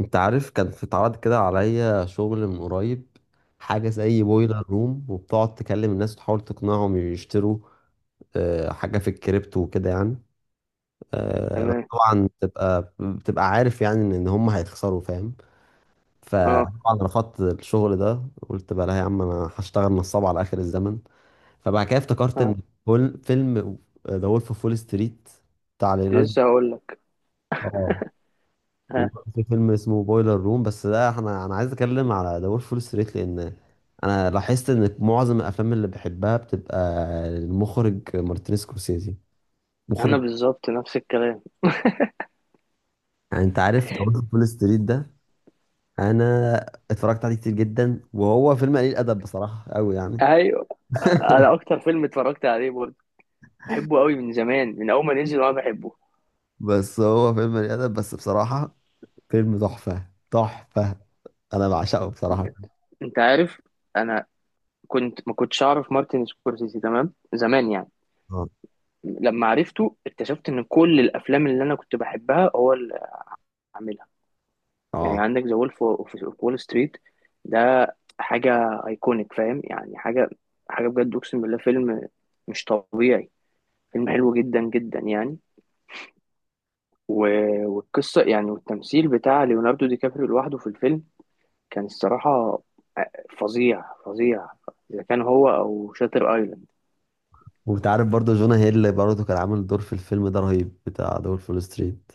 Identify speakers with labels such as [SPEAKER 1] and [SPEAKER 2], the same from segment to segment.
[SPEAKER 1] انت عارف كان في اتعرض كده عليا شغل من قريب. حاجة زي بويلر روم وبتقعد تكلم الناس وتحاول تقنعهم يشتروا. حاجة في الكريبتو وكده يعني. بس
[SPEAKER 2] تمام.
[SPEAKER 1] طبعا بتبقى عارف يعني إن هم هيخسروا فاهم.
[SPEAKER 2] اه.
[SPEAKER 1] فطبعا رفضت الشغل ده. قلت بقى لا يا عم انا هشتغل نصاب على اخر الزمن. فبعد كده افتكرت
[SPEAKER 2] آه.
[SPEAKER 1] ان فيلم ذا وولف اوف وول ستريت بتاع
[SPEAKER 2] كنت
[SPEAKER 1] ليوناردو.
[SPEAKER 2] لسه هقول لك. ها.
[SPEAKER 1] وبرضه في فيلم اسمه بويلر روم بس ده انا عايز اتكلم على ذا وولف فول ستريت لان انا لاحظت ان معظم الافلام اللي بحبها بتبقى المخرج مارتن سكورسيزي
[SPEAKER 2] انا
[SPEAKER 1] مخرج.
[SPEAKER 2] بالظبط نفس الكلام.
[SPEAKER 1] يعني انت عارف ذا وولف فول ستريت ده، انا اتفرجت عليه كتير جدا وهو فيلم قليل ادب بصراحه قوي يعني.
[SPEAKER 2] ايوه، انا اكتر فيلم اتفرجت عليه برضه، بحبه قوي من زمان، من اول ما نزل وانا بحبه.
[SPEAKER 1] بس هو فيلم قليل ادب بس بصراحه، فيلم تحفه تحفه، انا بعشقه
[SPEAKER 2] انت
[SPEAKER 1] بصراحه.
[SPEAKER 2] انت عارف، انا كنت ما كنتش اعرف مارتن سكورسيزي تمام زمان يعني.
[SPEAKER 1] اه،
[SPEAKER 2] لما عرفته اكتشفت ان كل الافلام اللي انا كنت بحبها هو اللي عاملها. يعني
[SPEAKER 1] اه.
[SPEAKER 2] عندك ذا وولف اوف وول ستريت ده، حاجه ايكونيك، فاهم يعني، حاجه حاجه بجد اقسم بالله، فيلم مش طبيعي، فيلم حلو جدا جدا يعني. والقصة يعني، والتمثيل بتاع ليوناردو دي كابريو لوحده في الفيلم كان الصراحة آه، فظيع فظيع. إذا كان هو أو شاتر أيلاند.
[SPEAKER 1] وانت عارف برضه جونا هيل برضه كان عامل دور في الفيلم ده رهيب بتاع ذا وولف فول ستريت.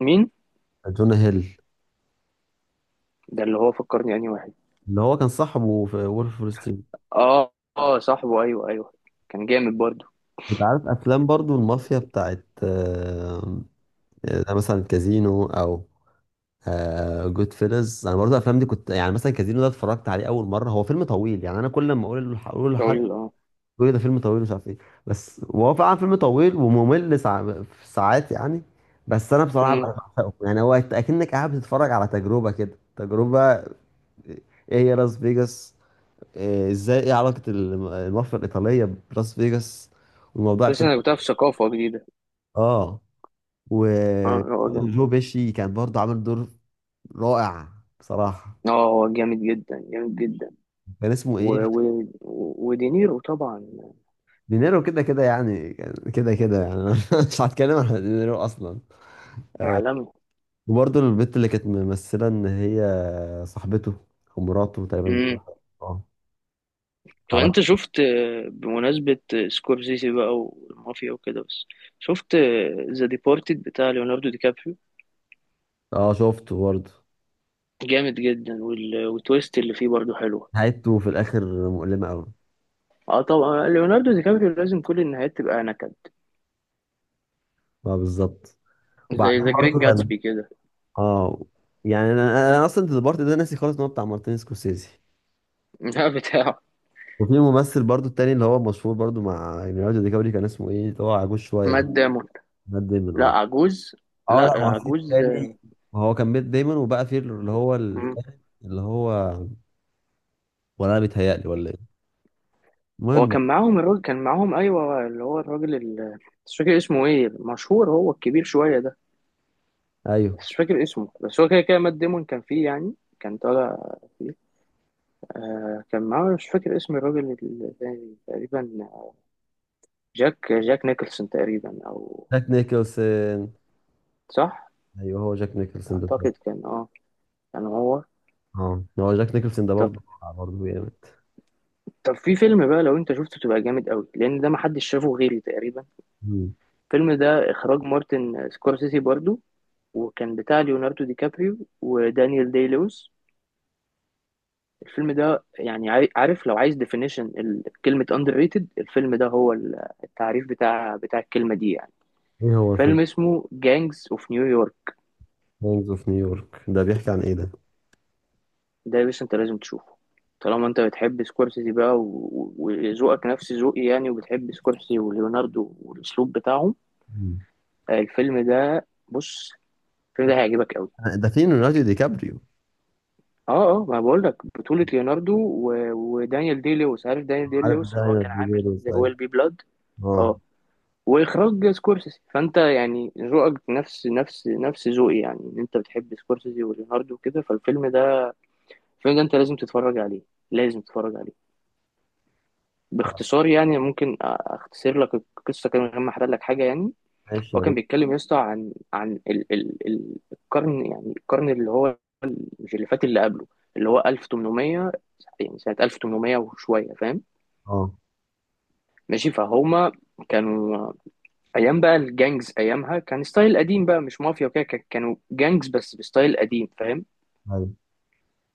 [SPEAKER 2] مين؟
[SPEAKER 1] جون هيل،
[SPEAKER 2] ده اللي هو فكرني أنهي واحد.
[SPEAKER 1] اللي هو كان صاحبه في وولف وول ستريت.
[SPEAKER 2] آه، آه، صاحبه، أيوه، أيوه، كان جامد برضه.
[SPEAKER 1] انت عارف افلام برضو المافيا بتاعت مثلا كازينو او جود فيلز. انا برضو الافلام دي كنت يعني مثلا كازينو ده، اتفرجت عليه اول مره، هو فيلم طويل يعني، انا كل ما اقول اقول لحد
[SPEAKER 2] طويل، آه.
[SPEAKER 1] يقول لي ده فيلم طويل مش عارف ايه. بس هو فعلا فيلم طويل وممل في ساعات يعني. بس انا بصراحه
[SPEAKER 2] مم.
[SPEAKER 1] بعشقه، يعني هو اكنك قاعد بتتفرج على تجربه، كده تجربه. ايه هي لاس فيجاس؟ ازاي، ايه علاقة المافيا الإيطالية بلاس فيجاس والموضوع
[SPEAKER 2] بس
[SPEAKER 1] ابتدى.
[SPEAKER 2] أنا كنت في ثقافة جديدة.
[SPEAKER 1] اه.
[SPEAKER 2] آه لا، هو جامد.
[SPEAKER 1] وجو بيشي كان برضه عامل دور رائع بصراحة.
[SPEAKER 2] آه، هو جامد جدا جامد جدا.
[SPEAKER 1] كان اسمه
[SPEAKER 2] و...
[SPEAKER 1] ايه؟
[SPEAKER 2] و... ودينيرو طبعا،
[SPEAKER 1] دينيرو كده كده يعني، كان كده كده يعني. أنا مش هتكلم عن دينيرو اصلا.
[SPEAKER 2] عالمي.
[SPEAKER 1] وبرضه البت اللي كانت ممثلة ان هي صاحبته او مراته، تقريبا جوازها. اه.
[SPEAKER 2] طب
[SPEAKER 1] تعالى.
[SPEAKER 2] انت شفت، بمناسبة سكورسيزي بقى والمافيا وكده، بس شفت ذا ديبارتد بتاع ليوناردو دي كابريو؟
[SPEAKER 1] اه، شفته برضه.
[SPEAKER 2] جامد جدا، والتويست اللي فيه برضو حلوة.
[SPEAKER 1] نهايته في الاخر مؤلمة قوي.
[SPEAKER 2] اه طبعا ليوناردو دي كابريو لازم كل النهايات تبقى نكد،
[SPEAKER 1] اه، بالظبط.
[SPEAKER 2] زي
[SPEAKER 1] وبعدين
[SPEAKER 2] ذا جريت
[SPEAKER 1] برضه كان.
[SPEAKER 2] جاتسبي كده.
[SPEAKER 1] اه يعني انا اصلا البارت ده ناسي خالص ان هو بتاع مارتن سكورسيزي.
[SPEAKER 2] ده بتاعه.
[SPEAKER 1] وفي ممثل برضو التاني اللي هو مشهور برضو مع ليوناردو دي كابري، كان اسمه ايه اللي هو عجوز شويه
[SPEAKER 2] مات
[SPEAKER 1] ده؟
[SPEAKER 2] دامون.
[SPEAKER 1] مات ديمون،
[SPEAKER 2] لا
[SPEAKER 1] اه.
[SPEAKER 2] عجوز، لا
[SPEAKER 1] اه، لا، هو في
[SPEAKER 2] عجوز.
[SPEAKER 1] التاني. هو كان مات ديمون وبقى في اللي هو
[SPEAKER 2] مم.
[SPEAKER 1] التاني اللي هو، ولا انا بيتهيألي ولا ايه.
[SPEAKER 2] هو
[SPEAKER 1] المهم.
[SPEAKER 2] كان معاهم الراجل، كان معاهم، ايوه، اللي هو الراجل مش فاكر اسمه ايه، مشهور، هو الكبير شوية ده.
[SPEAKER 1] ايوه،
[SPEAKER 2] مش فاكر اسمه، بس هو كده كده مات ديمون كان فيه يعني، كان طالع فيه. آه كان معاه، مش فاكر اسم الراجل التاني تقريبا، جاك نيكلسون تقريبا او.
[SPEAKER 1] جاك نيكلسون.
[SPEAKER 2] صح.
[SPEAKER 1] ايوه، هو جاك نيكلسون ده.
[SPEAKER 2] اعتقد كان، هو.
[SPEAKER 1] اه، هو جاك نيكلسون ده
[SPEAKER 2] طب
[SPEAKER 1] برضو. برضو جامد.
[SPEAKER 2] طب في فيلم بقى، لو انت شفته تبقى جامد قوي، لان ده محدش شافه غيري تقريبا.
[SPEAKER 1] مم.
[SPEAKER 2] الفيلم ده اخراج مارتن سكورسيزي برضو، وكان بتاع ليوناردو دي كابريو ودانيال داي لويس. الفيلم ده يعني، عارف، لو عايز ديفينيشن كلمة underrated، الفيلم ده هو التعريف بتاع الكلمة دي يعني.
[SPEAKER 1] ايه هو الفيلم؟
[SPEAKER 2] فيلم اسمه جانجز اوف نيويورك.
[SPEAKER 1] gangs اوف نيويورك ده بيحكي عن ايه ده؟
[SPEAKER 2] ده يا باشا انت لازم تشوفه. طالما انت بتحب سكورسيزي بقى، وذوقك نفس ذوقي يعني، وبتحب سكورسيزي وليوناردو والاسلوب بتاعهم،
[SPEAKER 1] مم.
[SPEAKER 2] الفيلم ده بص، الفيلم ده هيعجبك قوي.
[SPEAKER 1] ده فين ليوناردو دي كابريو؟
[SPEAKER 2] اه اه، ما بقول لك، بطولة ليوناردو ودانيال دي لويس. عارف دانيال دي
[SPEAKER 1] عارف
[SPEAKER 2] لويس
[SPEAKER 1] ده،
[SPEAKER 2] اللي هو
[SPEAKER 1] ايوه،
[SPEAKER 2] كان عامل
[SPEAKER 1] ديليروز،
[SPEAKER 2] ذا
[SPEAKER 1] ايوه.
[SPEAKER 2] رويال بي بلاد.
[SPEAKER 1] اه.
[SPEAKER 2] اه. واخراج سكورسيزي، فانت يعني ذوقك نفس نفس نفس ذوقي يعني، ان انت بتحب سكورسيزي وليوناردو وكده، فالفيلم ده، الفيلم ده انت لازم تتفرج عليه، لازم تتفرج عليه.
[SPEAKER 1] آه،
[SPEAKER 2] باختصار يعني، ممكن اختصر لك القصه كده من غير ما احرق لك حاجه يعني.
[SPEAKER 1] ماشي
[SPEAKER 2] هو
[SPEAKER 1] يا
[SPEAKER 2] كان
[SPEAKER 1] ريت.
[SPEAKER 2] بيتكلم يا اسطى، عن عن ال ال ال القرن، يعني القرن اللي هو مش اللي فات، اللي قبله، اللي هو 1800، يعني سنه 1800 وشويه، فاهم.
[SPEAKER 1] اه،
[SPEAKER 2] ماشي فهما. كانوا ايام بقى الجانجز، ايامها كان ستايل قديم بقى، مش مافيا وكده، كانوا جانجز بس بستايل قديم فاهم.
[SPEAKER 1] ايوه،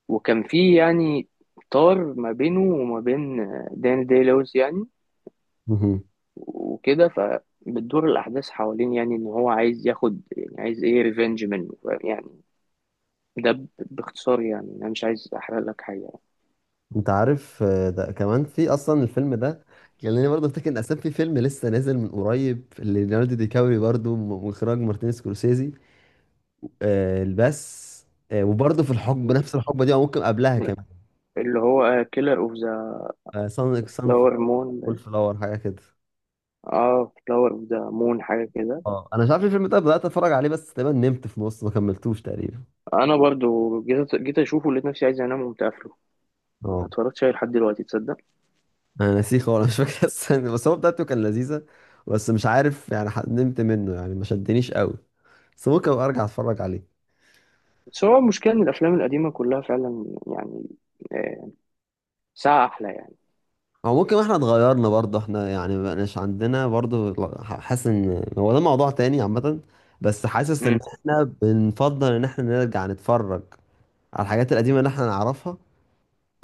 [SPEAKER 2] وكان في يعني طار ما بينه وما بين داني دي لويس يعني،
[SPEAKER 1] مهم.
[SPEAKER 2] وكده فبتدور الاحداث حوالين، يعني ان هو عايز ياخد، يعني عايز ايه، ريفنج منه، فاهم؟ يعني ده باختصار يعني، انا مش عايز احرق لك حاجه
[SPEAKER 1] انت عارف، ده كمان في اصلا الفيلم ده. خليني برضه افتكر ان اساسا في فيلم لسه نازل من قريب ليوناردو دي كابري برضه من اخراج مارتين سكورسيزي. آه، بس. وبرضه في الحقبه
[SPEAKER 2] يعني.
[SPEAKER 1] نفس الحقبه دي او ممكن قبلها كمان.
[SPEAKER 2] اللي هو كيلر اوف ذا
[SPEAKER 1] سان سان،
[SPEAKER 2] فلاور مون
[SPEAKER 1] فول
[SPEAKER 2] ده.
[SPEAKER 1] فلاور حاجه كده.
[SPEAKER 2] اه، فلاور اوف ذا مون حاجه كده.
[SPEAKER 1] اه، انا مش عارف الفيلم ده، بدات اتفرج عليه بس تقريبا نمت في نص، ما كملتوش تقريبا.
[SPEAKER 2] انا برضو جيت اشوفه، لقيت نفسي عايز انام وقمت قافله،
[SPEAKER 1] اه،
[SPEAKER 2] ما اتفرجتش عليه لحد دلوقتي تصدق.
[SPEAKER 1] انا ناسيه خالص مش فاكر السنة، بس هو بتاعته كان لذيذة. بس مش عارف يعني، نمت منه يعني، ما شدنيش قوي. بس ممكن ابقى ارجع اتفرج عليه.
[SPEAKER 2] بس هو المشكلة إن الأفلام القديمة كلها فعلا يعني، آه، ساعة أحلى يعني.
[SPEAKER 1] او ممكن احنا اتغيرنا برضه، احنا يعني ما بقناش عندنا برضه حاسس ان هو ده موضوع تاني عامة. بس حاسس ان
[SPEAKER 2] امم.
[SPEAKER 1] احنا بنفضل ان احنا نرجع نتفرج على الحاجات القديمة اللي احنا نعرفها،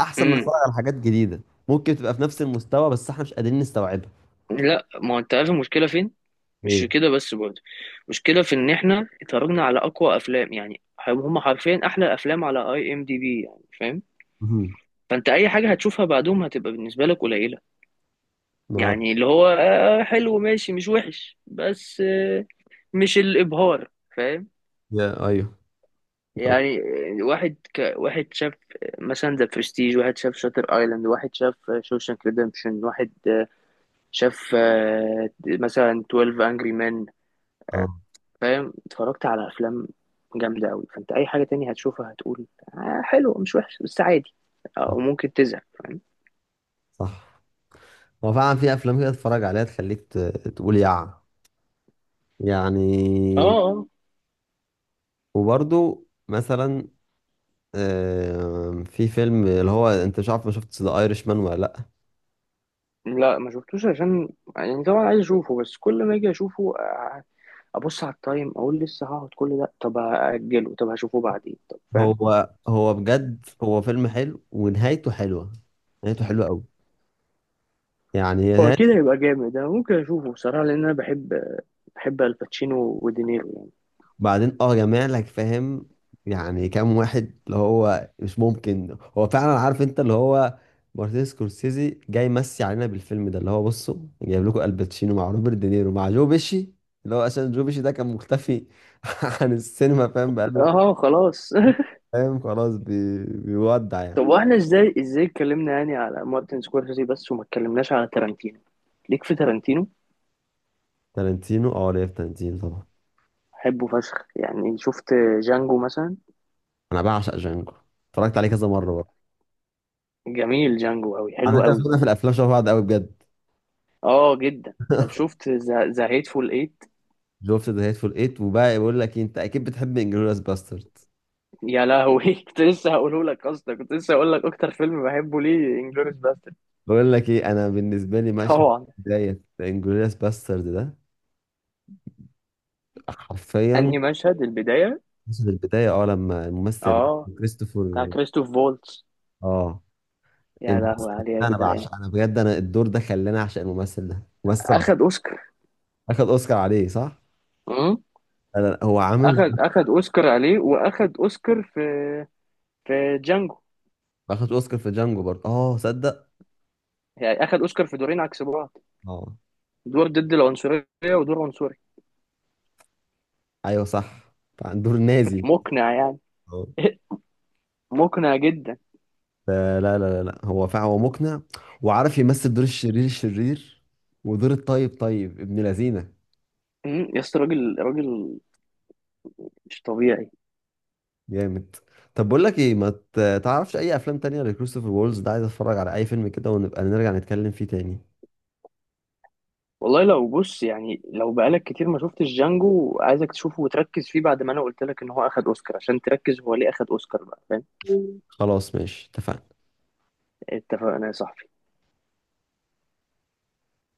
[SPEAKER 1] احسن من
[SPEAKER 2] امم.
[SPEAKER 1] نتفرج على حاجات جديدة ممكن تبقى في نفس المستوى بس احنا مش قادرين نستوعبها.
[SPEAKER 2] لا، ما هو انت عارف المشكله فين، مش
[SPEAKER 1] ايه.
[SPEAKER 2] كده بس برضه، المشكله في ان احنا اتفرجنا على اقوى افلام يعني، هم حرفيا احلى افلام على IMDB يعني فاهم.
[SPEAKER 1] مهم.
[SPEAKER 2] فانت اي حاجه هتشوفها بعدهم هتبقى بالنسبه لك قليله،
[SPEAKER 1] ما.
[SPEAKER 2] يعني اللي هو، حلو ماشي مش وحش، بس مش الابهار، فاهم.
[SPEAKER 1] يا ايوه.
[SPEAKER 2] يعني واحد شاف مثلا ذا برستيج، واحد شاف شاتر ايلاند، واحد شاف شوشانك ريدمبشن، واحد شاف مثلا 12 انجري مان،
[SPEAKER 1] اه،
[SPEAKER 2] فاهم. اتفرجت على افلام جامده قوي، فانت اي حاجه تانية هتشوفها هتقول آه حلو، مش وحش بس عادي، او ممكن تزهق، فاهم.
[SPEAKER 1] صح. هو فعلا في افلام كده تتفرج عليها تخليك تقول يع
[SPEAKER 2] اه.
[SPEAKER 1] يعني.
[SPEAKER 2] آه.
[SPEAKER 1] وبرضو مثلا، في فيلم اللي هو، انت مش عارف، ما شفت ذا ايرش مان ولا لا؟
[SPEAKER 2] لا ما شفتوش، عشان يعني طبعا عايز اشوفه، بس كل ما اجي اشوفه ابص على التايم، اقول لسه هقعد كل ده، طب هاجله، طب هشوفه بعدين، طب فاهم.
[SPEAKER 1] هو بجد هو فيلم حلو ونهايته حلوه. نهايته حلوه قوي يعني.
[SPEAKER 2] هو
[SPEAKER 1] هي
[SPEAKER 2] أكيد هيبقى جامد، أنا ممكن أشوفه بصراحة، لأن أنا بحب الباتشينو ودينيرو
[SPEAKER 1] بعدين جامع لك فاهم، يعني كام واحد اللي هو مش ممكن. هو فعلا عارف انت اللي هو مارتن سكورسيزي جاي يمسي علينا بالفيلم ده، اللي هو بصوا، جايب لكم الباتشينو مع روبرت دينيرو مع جو بيشي. اللي هو عشان جو بيشي ده كان مختفي عن السينما فاهم،
[SPEAKER 2] يعني.
[SPEAKER 1] بقاله
[SPEAKER 2] أه خلاص.
[SPEAKER 1] فاهم، خلاص، بيودع يعني.
[SPEAKER 2] طب وإحنا إزاي اتكلمنا يعني على مارتن سكورسيزي بس، وما اتكلمناش على تارانتينو؟ ليك في تارانتينو؟
[SPEAKER 1] تارانتينو، ليا في تارانتينو طبعا.
[SPEAKER 2] بحبه فشخ، يعني شفت جانجو مثلا.
[SPEAKER 1] انا بعشق جانجو، اتفرجت عليه كذا مره برضه.
[SPEAKER 2] جميل، جانجو أوي،
[SPEAKER 1] على
[SPEAKER 2] حلو
[SPEAKER 1] فكره
[SPEAKER 2] أوي.
[SPEAKER 1] ذوقنا في الافلام شبه بعض قوي بجد.
[SPEAKER 2] أه جدا. طب شفت ذا هيتفول إيت؟
[SPEAKER 1] شفت ذا هيتفول ايت، وبقى بقول لك انت اكيد بتحب انجلوريس باسترد.
[SPEAKER 2] يا لهوي. كنت لسه هقول لك أكتر فيلم بحبه ليه انجلوريس باسترد.
[SPEAKER 1] بقول لك ايه، انا بالنسبه لي مشهد
[SPEAKER 2] طبعا.
[SPEAKER 1] بدايه انجلوريوس باسترد ده حرفيا،
[SPEAKER 2] أنهي مشهد، البداية.
[SPEAKER 1] مشهد البدايه، لما الممثل
[SPEAKER 2] أه، بتاع
[SPEAKER 1] كريستوفر.
[SPEAKER 2] كريستوف فولتس.
[SPEAKER 1] اه
[SPEAKER 2] يا
[SPEAKER 1] الممثل
[SPEAKER 2] لهوي
[SPEAKER 1] ده
[SPEAKER 2] عليه يا
[SPEAKER 1] انا
[SPEAKER 2] جدعان.
[SPEAKER 1] بعشق، انا بجد، انا الدور ده خلاني اعشق الممثل ده، ممثل عظيم.
[SPEAKER 2] اخد اوسكار.
[SPEAKER 1] اخد اوسكار عليه، صح.
[SPEAKER 2] امم.
[SPEAKER 1] انا هو عامل.
[SPEAKER 2] اخد اوسكار عليه، واخد اوسكار في جانجو،
[SPEAKER 1] اخد اوسكار في جانجو برضه، صدق.
[SPEAKER 2] يعني اخد اوسكار في دورين عكس بعض:
[SPEAKER 1] اه،
[SPEAKER 2] دور ضد العنصريه، ودور عنصري.
[SPEAKER 1] ايوه، صح. عن دور نازي.
[SPEAKER 2] مقنع يعني.
[SPEAKER 1] اه.
[SPEAKER 2] مقنع جدا.
[SPEAKER 1] فلا، لا، لا، لا، هو فعلا هو مقنع. وعارف يمثل دور الشرير الشرير، ودور الطيب طيب ابن لذينه.
[SPEAKER 2] يا اسطى، راجل راجل مش طبيعي.
[SPEAKER 1] جامد. طب بقول لك ايه، ما تعرفش اي افلام تانية لكريستوفر وولز ده، عايز اتفرج على اي فيلم كده ونبقى نرجع نتكلم فيه تاني.
[SPEAKER 2] والله لو بص يعني، لو بقالك كتير ما شفتش جانجو، عايزك تشوفه وتركز فيه، بعد ما انا قلت لك ان هو اخد اوسكار، عشان تركز هو ليه اخد اوسكار بقى، فاهم.
[SPEAKER 1] خلاص ماشي، اتفقنا.
[SPEAKER 2] اتفقنا يا صاحبي.